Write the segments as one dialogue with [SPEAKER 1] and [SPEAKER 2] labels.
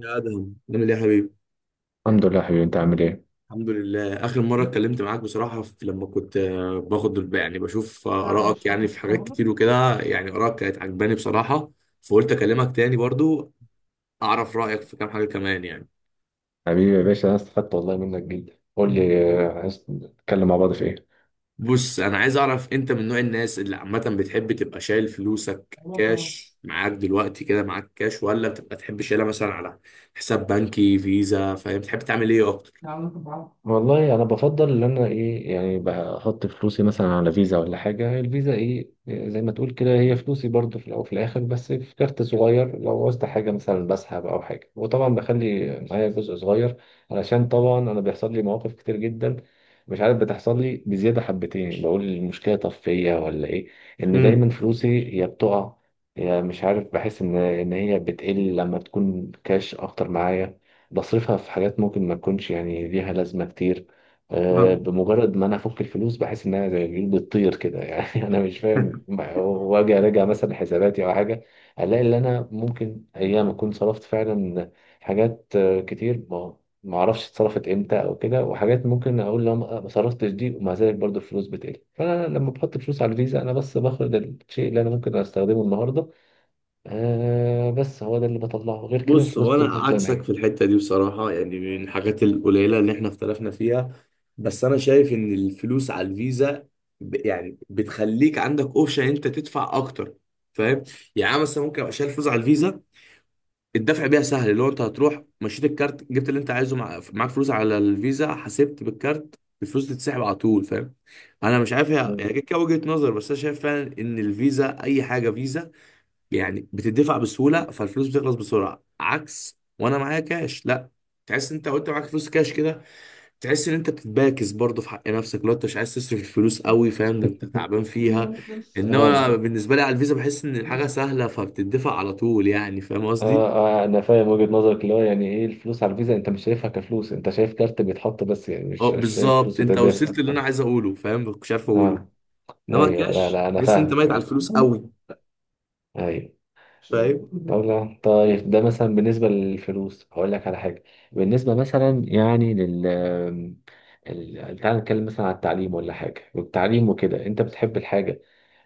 [SPEAKER 1] يا ادهم عامل ايه يا حبيبي؟
[SPEAKER 2] الحمد لله يا حبيبي، انت عامل ايه؟
[SPEAKER 1] الحمد لله. اخر مره اتكلمت معاك بصراحه، في لما كنت باخد يعني بشوف
[SPEAKER 2] نعم
[SPEAKER 1] ارائك
[SPEAKER 2] شو
[SPEAKER 1] يعني في حاجات
[SPEAKER 2] القاهرة.
[SPEAKER 1] كتير، وكده يعني ارائك كانت عجباني بصراحه. فقلت اكلمك تاني برضو، اعرف رايك في كام حاجه كمان يعني.
[SPEAKER 2] حبيبي يا باشا، انا استفدت والله منك جدا. قول لي، عايز نتكلم مع بعض في
[SPEAKER 1] بص، انا عايز اعرف، انت من نوع الناس اللي عامه بتحب تبقى شايل فلوسك
[SPEAKER 2] ايه؟
[SPEAKER 1] كاش؟ معاك دلوقتي كده معاك كاش، ولا بتبقى تحب شايلها مثلا على حساب بنكي، فيزا، فاهم؟ بتحب تعمل ايه اكتر؟
[SPEAKER 2] يعلقوا ببعض والله. انا بفضل ان انا ايه، يعني بحط فلوسي مثلا على فيزا ولا حاجه. الفيزا ايه، زي ما تقول كده هي فلوسي برضو في الاول وفي الاخر، بس في كارت صغير لو عوزت حاجه مثلا بسحب او حاجه، وطبعا بخلي معايا جزء صغير علشان طبعا انا بيحصل لي مواقف كتير جدا. مش عارف، بتحصل لي بزياده حبتين، بقول المشكله طب فيا ولا ايه، ان
[SPEAKER 1] امم
[SPEAKER 2] دايما فلوسي يا بتقع يا مش عارف. بحس ان هي بتقل لما تكون كاش اكتر معايا، بصرفها في حاجات ممكن ما تكونش يعني ليها لازمة كتير. بمجرد ما انا افك الفلوس بحس انها زي الجيل بتطير كده يعني انا مش فاهم. واجي اراجع مثلا حساباتي او حاجه، الاقي ان انا ممكن ايام اكون صرفت فعلا حاجات كتير، ما اعرفش اتصرفت امتى او كده، وحاجات ممكن اقول لو ما صرفتش دي، ومع ذلك برضو الفلوس بتقل. فانا لما بحط فلوس على الفيزا، انا بس باخد الشيء اللي انا ممكن استخدمه النهارده. بس هو ده اللي بطلعه، غير كده
[SPEAKER 1] بص،
[SPEAKER 2] الفلوس
[SPEAKER 1] هو انا
[SPEAKER 2] بتفضل زي ما
[SPEAKER 1] عكسك في الحته دي بصراحه، يعني من الحاجات
[SPEAKER 2] هي.
[SPEAKER 1] القليله اللي احنا اختلفنا فيها. بس انا شايف ان الفلوس على الفيزا يعني بتخليك عندك اوبشن انت تدفع اكتر، فاهم؟ يعني أنا مثلا ممكن ابقى شايل فلوس على الفيزا، الدفع بيها سهل، اللي هو انت هتروح مشيت الكارت، جبت اللي انت عايزه، مع... معاك فلوس على الفيزا، حسبت بالكارت، الفلوس تتسحب على طول، فاهم؟ انا مش عارف،
[SPEAKER 2] مم.
[SPEAKER 1] يعني كده كده وجهه نظر، بس انا شايف فعلا ان الفيزا اي حاجه فيزا يعني، بتدفع بسهوله فالفلوس بتخلص بسرعه. عكس وانا معايا كاش، لا، تحس ان انت وانت معاك فلوس كاش كده، تحس ان انت بتتباكس برضه في حق نفسك، لو انت مش عايز تصرف الفلوس قوي، فاهم؟ إن انت تعبان فيها. انما
[SPEAKER 2] اه.
[SPEAKER 1] أنا بالنسبه لي على الفيزا بحس ان الحاجه سهله، فبتدفع على طول يعني، فاهم قصدي؟
[SPEAKER 2] اه. انا فاهم وجهة نظرك، اللي هو يعني ايه الفلوس على الفيزا، انت مش شايفها كفلوس، انت شايف كارت بيتحط بس، يعني
[SPEAKER 1] اه
[SPEAKER 2] مش شايف
[SPEAKER 1] بالظبط،
[SPEAKER 2] فلوس
[SPEAKER 1] انت
[SPEAKER 2] بتدافع.
[SPEAKER 1] وصلت اللي انا عايز اقوله، فاهم مش عارف اقوله.
[SPEAKER 2] اه.
[SPEAKER 1] انما
[SPEAKER 2] ايوه، لا
[SPEAKER 1] الكاش،
[SPEAKER 2] لا انا
[SPEAKER 1] تحس ان انت
[SPEAKER 2] فاهمك،
[SPEAKER 1] ميت على الفلوس قوي،
[SPEAKER 2] ايوه.
[SPEAKER 1] فاهم؟
[SPEAKER 2] طب لا، طيب ده مثلا بالنسبة للفلوس هقول لك على حاجة. بالنسبة مثلا يعني لل تعال نتكلم مثلا على التعليم ولا حاجة. والتعليم وكده انت بتحب الحاجة،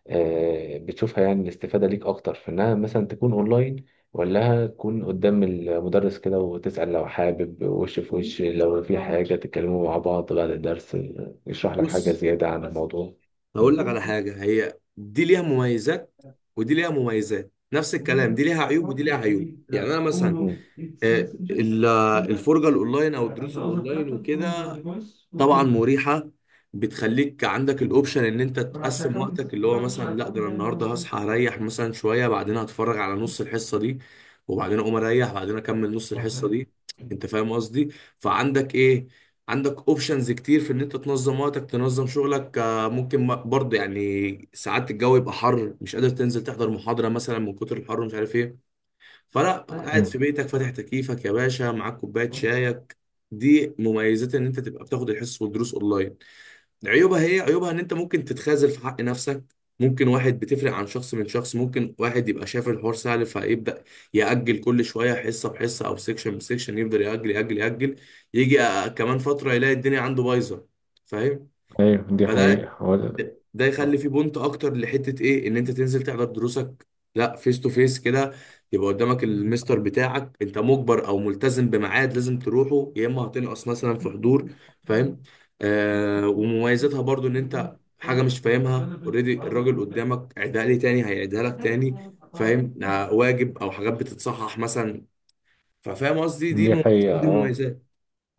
[SPEAKER 2] بتشوفها، يعني الاستفادة ليك أكتر في إنها مثلا تكون أونلاين ولا تكون قدام المدرس كده وتسأل لو حابب وش في وش؟ لو في حاجة تتكلموا مع بعض بعد الدرس، يشرح لك حاجة
[SPEAKER 1] بص
[SPEAKER 2] زيادة عن الموضوع.
[SPEAKER 1] هقول لك
[SPEAKER 2] مم.
[SPEAKER 1] على حاجة، هي دي ليها مميزات ودي ليها مميزات، نفس الكلام دي ليها عيوب ودي ليها عيوب. يعني انا مثلا،
[SPEAKER 2] مم.
[SPEAKER 1] آه، ال- الفرجة الاونلاين او الدروس الاونلاين وكده، طبعا مريحة، بتخليك عندك الاوبشن ان انت تقسم وقتك، اللي هو مثلا، لا ده انا النهارده هصحى اريح مثلا شوية، بعدين هتفرج على نص الحصة دي، وبعدين اقوم اريح بعدين اكمل نص الحصة دي، انت فاهم قصدي؟ فعندك ايه، عندك اوبشنز كتير في ان انت تنظم وقتك، تنظم شغلك. ممكن برضه يعني ساعات الجو يبقى حر، مش قادر تنزل تحضر محاضرة مثلا من كتر الحر ومش عارف ايه، فلا قاعد في
[SPEAKER 2] مم.
[SPEAKER 1] بيتك، فاتح تكييفك يا باشا، معاك كوبايه شايك. دي مميزات ان انت تبقى بتاخد الحصص والدروس اونلاين. عيوبها، هي عيوبها ان انت ممكن تتخاذل في حق نفسك. ممكن واحد، بتفرق عن شخص من شخص، ممكن واحد يبقى شايف الحوار سهل، فيبدا ياجل كل شويه، حصه بحصه او سيكشن بسيكشن، يفضل ياجل ياجل ياجل، يجي كمان فتره يلاقي الدنيا عنده بايظه، فاهم؟
[SPEAKER 2] أيوه، دي
[SPEAKER 1] فده،
[SPEAKER 2] حقيقة.
[SPEAKER 1] ده يخلي فيه بونت اكتر لحته ايه، ان انت تنزل تحضر دروسك لا، فيس تو فيس كده، يبقى قدامك المستر بتاعك، انت مجبر او ملتزم بميعاد لازم تروحه، يا اما هتنقص مثلا في حضور، فاهم؟ آه ومميزاتها برضو ان انت حاجه مش فاهمها اوريدي، الراجل قدامك عيدها لي تاني هيعيدها لك تاني، فاهم؟ آه واجب او حاجات بتتصحح مثلا، ففاهم قصدي، دي
[SPEAKER 2] دي
[SPEAKER 1] مميزات
[SPEAKER 2] حقيقة،
[SPEAKER 1] دي
[SPEAKER 2] اه.
[SPEAKER 1] مميزات.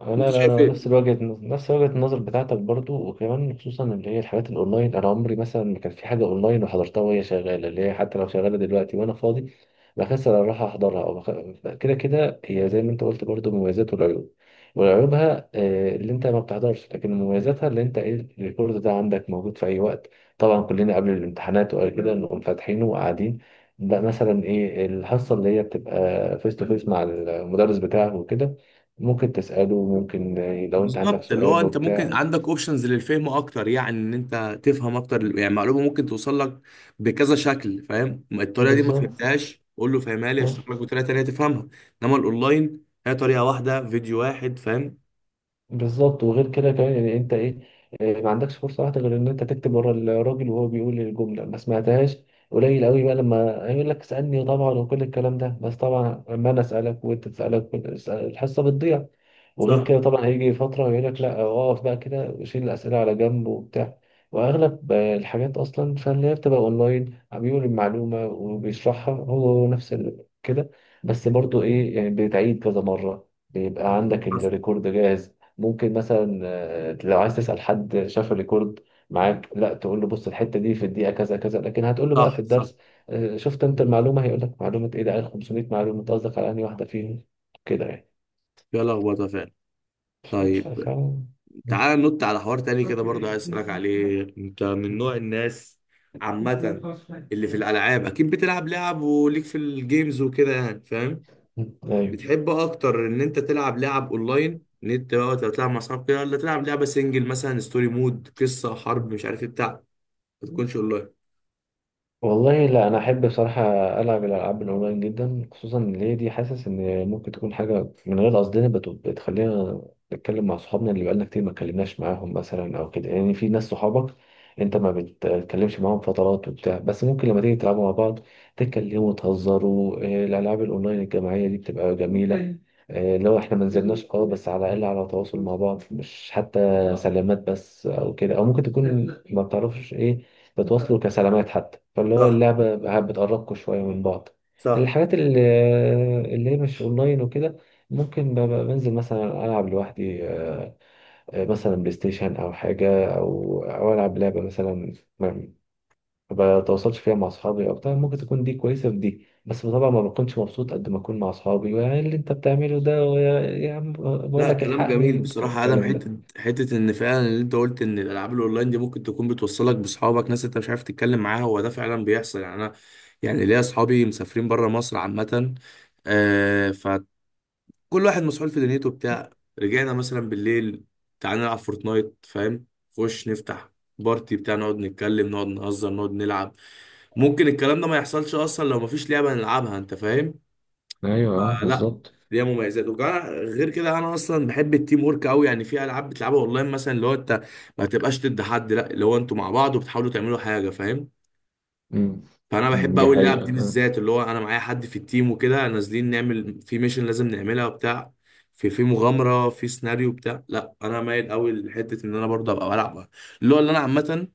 [SPEAKER 2] لا
[SPEAKER 1] انت
[SPEAKER 2] لا
[SPEAKER 1] شايف
[SPEAKER 2] لا،
[SPEAKER 1] ايه؟
[SPEAKER 2] نفس وجهة النظر بتاعتك برضو. وكمان خصوصا اللي هي الحاجات الأونلاين، أنا عمري مثلا ما كان في حاجة أونلاين وحضرتها وهي شغالة، اللي هي حتى لو شغالة دلوقتي وأنا فاضي بكسل أروح أحضرها، أو كده كده هي زي ما أنت قلت برضو مميزات والعيوب. وعيوبها، اللي أنت ما بتحضرش، لكن مميزاتها اللي أنت إيه، الريكورد ده عندك موجود في أي وقت. طبعا كلنا قبل الامتحانات وقبل كده نقوم فاتحينه وقاعدين. بقى مثلا إيه الحصة اللي هي بتبقى فيس تو فيس مع المدرس بتاعه وكده، ممكن تسأله، ممكن لو انت عندك
[SPEAKER 1] بالظبط، اللي هو
[SPEAKER 2] سؤال
[SPEAKER 1] انت ممكن
[SPEAKER 2] وبتاع.
[SPEAKER 1] عندك اوبشنز للفهم اكتر، يعني ان انت تفهم اكتر يعني، معلومه ممكن توصل لك بكذا شكل، فاهم؟ الطريقه دي ما
[SPEAKER 2] بالظبط.
[SPEAKER 1] فهمتهاش، قول له فهمها لي،
[SPEAKER 2] آه.
[SPEAKER 1] اشرح لك بطريقه تانيه تفهمها. انما الاونلاين هي طريقه واحده، فيديو واحد، فاهم؟
[SPEAKER 2] بالظبط، وغير كده كمان يعني انت ايه، ما عندكش فرصة واحدة غير ان انت تكتب ورا الراجل وهو بيقول الجملة ما سمعتهاش. قليل قوي بقى لما هيقول لك اسألني طبعا وكل الكلام ده، بس طبعا لما انا اسألك وانت تسألك، الحصة بتضيع. وغير
[SPEAKER 1] صح.
[SPEAKER 2] كده طبعا هيجي فترة ويقول لك لا، اقف بقى كده، شيل الأسئلة على جنب وبتاع. وأغلب الحاجات أصلا، فاللي هي بتبقى أونلاين عم بيقول المعلومة وبيشرحها هو نفس كده. بس برضو إيه، يعني بتعيد كذا مرة، بيبقى عندك
[SPEAKER 1] حصل.
[SPEAKER 2] الريكورد جاهز. ممكن مثلا لو عايز تسأل حد شاف الريكورد معاك، لا تقول له بص الحتة دي في الدقيقة كذا كذا، لكن هتقول له بقى في
[SPEAKER 1] صح، صح.
[SPEAKER 2] الدرس شفت أنت المعلومة، هيقول لك معلومة إيه؟ ده قال 500 معلومة، أنت قصدك على أنهي واحدة فيهم، كده يعني.
[SPEAKER 1] فيها لخبطه فعلا. طيب، تعال ننط على حوار تاني كده برضه عايز اسالك عليه. انت من نوع الناس عامه اللي في الالعاب، اكيد بتلعب لعب وليك في الجيمز وكده يعني، فاهم؟
[SPEAKER 2] ايوه
[SPEAKER 1] بتحب اكتر ان انت تلعب لعب اونلاين، ان انت وقت لو تلعب مع اصحابك كده، ولا تلعب لعبه سنجل مثلا، ستوري مود، قصه حرب، مش عارف ايه بتاع، ما تكونش اونلاين؟
[SPEAKER 2] والله. لا، انا احب بصراحه العب الالعاب الاونلاين جدا، خصوصا ان هي دي حاسس ان ممكن تكون حاجه من غير قصدنا بتخلينا نتكلم مع صحابنا اللي بقالنا كتير ما اتكلمناش معاهم مثلا او كده. يعني في ناس صحابك انت ما بتتكلمش معاهم فترات وبتاع، بس ممكن لما تيجي تلعبوا مع بعض تتكلموا وتهزروا. الالعاب الاونلاين الجماعيه دي بتبقى جميله. أيوة. لو احنا ما نزلناش، اه، بس على الاقل على تواصل مع بعض، مش حتى سلامات بس او كده، او ممكن تكون ما بتعرفش ايه، بتوصلوا كسلامات حتى، فاللي هو
[SPEAKER 1] صح،
[SPEAKER 2] اللعبة بقى بتقربكوا شوية من بعض.
[SPEAKER 1] صح.
[SPEAKER 2] الحاجات اللي هي مش اونلاين وكده، ممكن ببقى بنزل مثلا العب لوحدي، مثلا بلاي ستيشن او حاجة او العب لعبة مثلا ما ما بتواصلش فيها مع اصحابي او بتاع. ممكن تكون دي كويسة في دي، بس طبعا ما بكونش مبسوط قد ما اكون مع اصحابي، يعني اللي انت بتعمله ده يا عم بقول
[SPEAKER 1] لا
[SPEAKER 2] لك
[SPEAKER 1] كلام جميل
[SPEAKER 2] الحقني بتاع
[SPEAKER 1] بصراحه يا ادم،
[SPEAKER 2] الكلام
[SPEAKER 1] حته
[SPEAKER 2] ده.
[SPEAKER 1] حته، ان فعلا اللي انت قلت ان الالعاب الاونلاين دي ممكن تكون بتوصلك باصحابك، ناس انت مش عارف تتكلم معاها، هو ده فعلا بيحصل. يعني انا يعني ليا اصحابي مسافرين بره مصر عامه، كل واحد مسحول في دنيته بتاع، رجعنا مثلا بالليل، تعالى نلعب فورتنايت، فاهم؟ خش نفتح بارتي بتاع، نقعد نتكلم، نقعد نهزر، نقعد نلعب. ممكن الكلام ده ما يحصلش اصلا لو ما فيش لعبه نلعبها، انت فاهم؟
[SPEAKER 2] ايوه،
[SPEAKER 1] آه، لا،
[SPEAKER 2] بالظبط.
[SPEAKER 1] ليها مميزات. وكمان غير كده انا اصلا بحب التيم ورك قوي، يعني في العاب بتلعبها اونلاين مثلا، اللي هو انت ما تبقاش ضد حد، لا اللي هو انتوا مع بعض وبتحاولوا تعملوا حاجه، فاهم؟
[SPEAKER 2] مم.
[SPEAKER 1] فانا بحب
[SPEAKER 2] دي
[SPEAKER 1] قوي اللعب
[SPEAKER 2] حقيقة.
[SPEAKER 1] دي بالذات، اللي هو انا معايا حد في التيم وكده، نازلين نعمل في ميشن لازم نعملها وبتاع، في في مغامره، في سيناريو بتاع، لا انا مايل قوي لحته ان انا برضه ابقى بلعب، اللي هو اللي انا عامه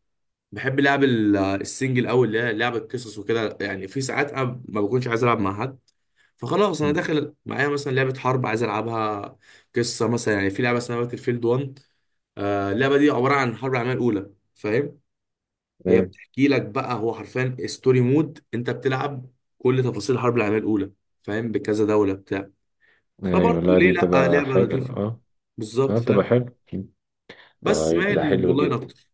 [SPEAKER 1] بحب لعب السنجل قوي، اللي هي لعب القصص وكده. يعني في ساعات انا ما بكونش عايز العب مع حد، فخلاص انا
[SPEAKER 2] مم.
[SPEAKER 1] داخل معايا مثلا لعبه حرب عايز العبها، قصه مثلا. يعني في لعبه اسمها باتل فيلد 1، اللعبه دي عباره عن حرب العالميه الاولى، فاهم؟ هي بتحكي لك بقى، هو حرفيا ستوري مود، انت بتلعب كل تفاصيل الحرب العالميه الاولى، فاهم؟ بكذا دوله بتاع.
[SPEAKER 2] ايوه،
[SPEAKER 1] فبرضه
[SPEAKER 2] لا
[SPEAKER 1] ليه
[SPEAKER 2] دي
[SPEAKER 1] لا،
[SPEAKER 2] بتبقى
[SPEAKER 1] لعبه
[SPEAKER 2] حاجة،
[SPEAKER 1] لطيفه.
[SPEAKER 2] اه.
[SPEAKER 1] بالظبط،
[SPEAKER 2] اه بتبقى
[SPEAKER 1] فاهم؟
[SPEAKER 2] حلو.
[SPEAKER 1] بس
[SPEAKER 2] طيب،
[SPEAKER 1] مايل
[SPEAKER 2] ده حلو
[SPEAKER 1] للاونلاين
[SPEAKER 2] جدا.
[SPEAKER 1] اكتر.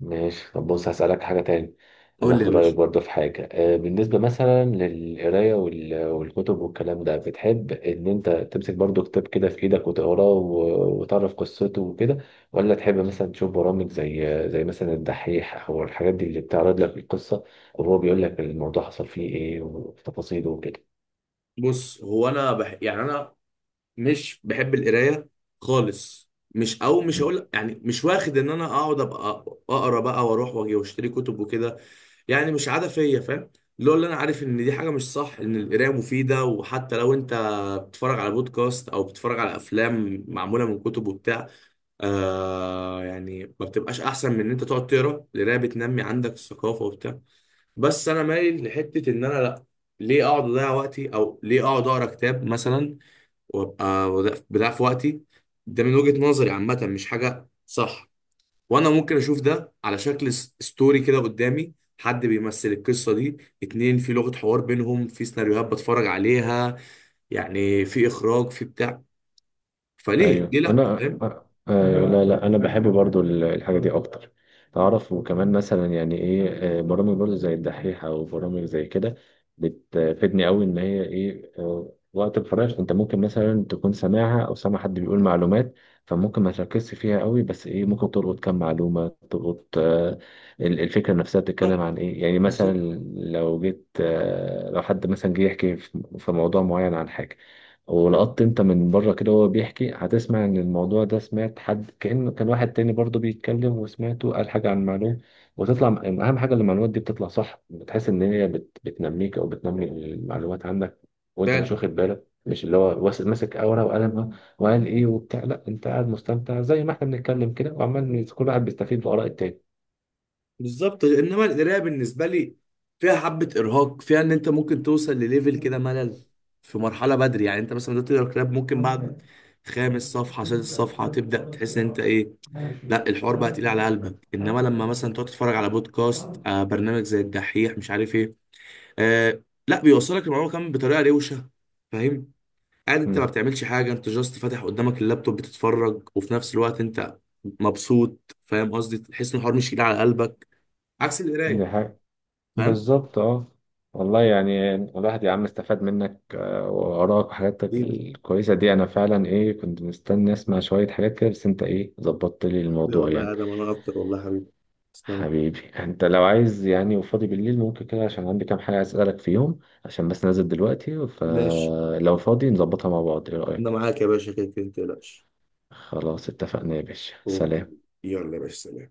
[SPEAKER 2] ماشي. طب بص هسألك حاجة تاني، عايز
[SPEAKER 1] قول لي يا
[SPEAKER 2] اخد رأيك
[SPEAKER 1] باشا.
[SPEAKER 2] برضه في حاجة، بالنسبة مثلا للقراية والكتب والكلام ده، بتحب ان انت تمسك برضه كتاب كده في ايدك وتقراه وتعرف قصته وكده؟ ولا تحب مثلا تشوف برامج زي مثلا الدحيح او الحاجات دي اللي بتعرض لك القصة، وهو بيقول لك الموضوع حصل فيه ايه وتفاصيله وكده؟
[SPEAKER 1] بص هو انا يعني انا مش بحب القرايه خالص، مش، او مش هقول يعني، مش واخد ان انا اقعد ابقى اقرا بقى، واروح واجي واشتري كتب وكده، يعني مش عاده فيا، فاهم؟ اللي هو اللي انا عارف ان دي حاجه مش صح، ان القرايه مفيده، وحتى لو انت بتتفرج على بودكاست، او بتتفرج على افلام معموله من كتب وبتاع، آه يعني ما بتبقاش احسن من ان انت تقعد تقرا، القرايه بتنمي عندك الثقافه وبتاع. بس انا مايل لحته ان انا لا، ليه اقعد اضيع وقتي، او ليه اقعد اقرا كتاب مثلا، وابقى بضيع في وقتي، ده من وجهه نظري عامه مش حاجه صح. وانا ممكن اشوف ده على شكل ستوري كده قدامي، حد بيمثل القصه دي، اتنين في لغه حوار بينهم، في سيناريوهات بتفرج عليها، يعني في اخراج، في بتاع، فليه، ليه
[SPEAKER 2] ايوه
[SPEAKER 1] لا،
[SPEAKER 2] انا،
[SPEAKER 1] فاهم؟
[SPEAKER 2] ايوه لا لا، انا بحب برضو الحاجه دي اكتر. تعرف، وكمان مثلا يعني ايه، برامج برضو زي الدحيح او برامج زي كده بتفيدني قوي، ان هي ايه، وقت الفراغ انت ممكن مثلا تكون سامعها او سامع حد بيقول معلومات، فممكن ما تركزش فيها قوي، بس ايه ممكن تلقط كام معلومه، تلقط الفكره نفسها بتتكلم
[SPEAKER 1] صح.
[SPEAKER 2] عن ايه، يعني مثلا
[SPEAKER 1] بالظبط.
[SPEAKER 2] لو جيت، لو حد مثلا جه يحكي في موضوع معين عن حاجه، ولقطت انت من بره كده وهو بيحكي، هتسمع ان الموضوع ده سمعت حد كأنه كان واحد تاني برضه بيتكلم وسمعته قال حاجة عن المعلومة، وتطلع. اهم حاجة إن المعلومات دي بتطلع صح، بتحس ان هي بت... بتنميك او بتنمي المعلومات عندك وانت مش
[SPEAKER 1] فعلا
[SPEAKER 2] واخد بالك، مش اللي هو ماسك ورقة وقلم، ها، وقال ايه وبتاع. لا، انت قاعد مستمتع زي ما احنا بنتكلم كده، وعمال كل واحد بيستفيد بآراء التاني.
[SPEAKER 1] بالظبط. انما القرايه بالنسبه لي فيها حبه ارهاق، فيها ان انت ممكن توصل لليفل كده ملل في مرحله بدري، يعني انت مثلا دلوقتي تقرا كتاب، ممكن بعد خامس صفحه سادس صفحه تبدا تحس ان انت ايه، لا الحوار بقى تقيل على قلبك. انما لما مثلا تقعد تتفرج على بودكاست، آه برنامج زي الدحيح مش عارف ايه، آه لا بيوصلك المعلومه كمان بطريقه روشه، فاهم؟ قاعد انت ما بتعملش حاجه، انت جاست فاتح قدامك اللابتوب بتتفرج، وفي نفس الوقت انت مبسوط، فاهم قصدي؟ تحس ان الحوار مش تقيل على قلبك، عكس القرايه،
[SPEAKER 2] امم.
[SPEAKER 1] فاهم؟
[SPEAKER 2] بالظبط، اه. والله يعني الواحد يا عم استفاد منك، وآرائك وحاجاتك
[SPEAKER 1] حبيبي،
[SPEAKER 2] الكويسة دي، أنا فعلا إيه، كنت مستني أسمع شوية حاجات كده، بس أنت إيه ظبطت لي
[SPEAKER 1] حبيبي
[SPEAKER 2] الموضوع
[SPEAKER 1] والله يا
[SPEAKER 2] يعني.
[SPEAKER 1] ادم، انا اكتر والله يا حبيبي، تسلم.
[SPEAKER 2] حبيبي، أنت لو عايز يعني وفاضي بالليل، ممكن كده عشان عندي كام حاجة عايز أسألك فيهم، عشان بس نازل دلوقتي،
[SPEAKER 1] ماشي،
[SPEAKER 2] فلو فاضي نظبطها مع بعض، إيه
[SPEAKER 1] انا
[SPEAKER 2] رأيك؟
[SPEAKER 1] معاك يا باشا، كده كده ما تقلقش.
[SPEAKER 2] خلاص اتفقنا يا باشا،
[SPEAKER 1] اوكي،
[SPEAKER 2] سلام.
[SPEAKER 1] يلا يا باشا، سلام.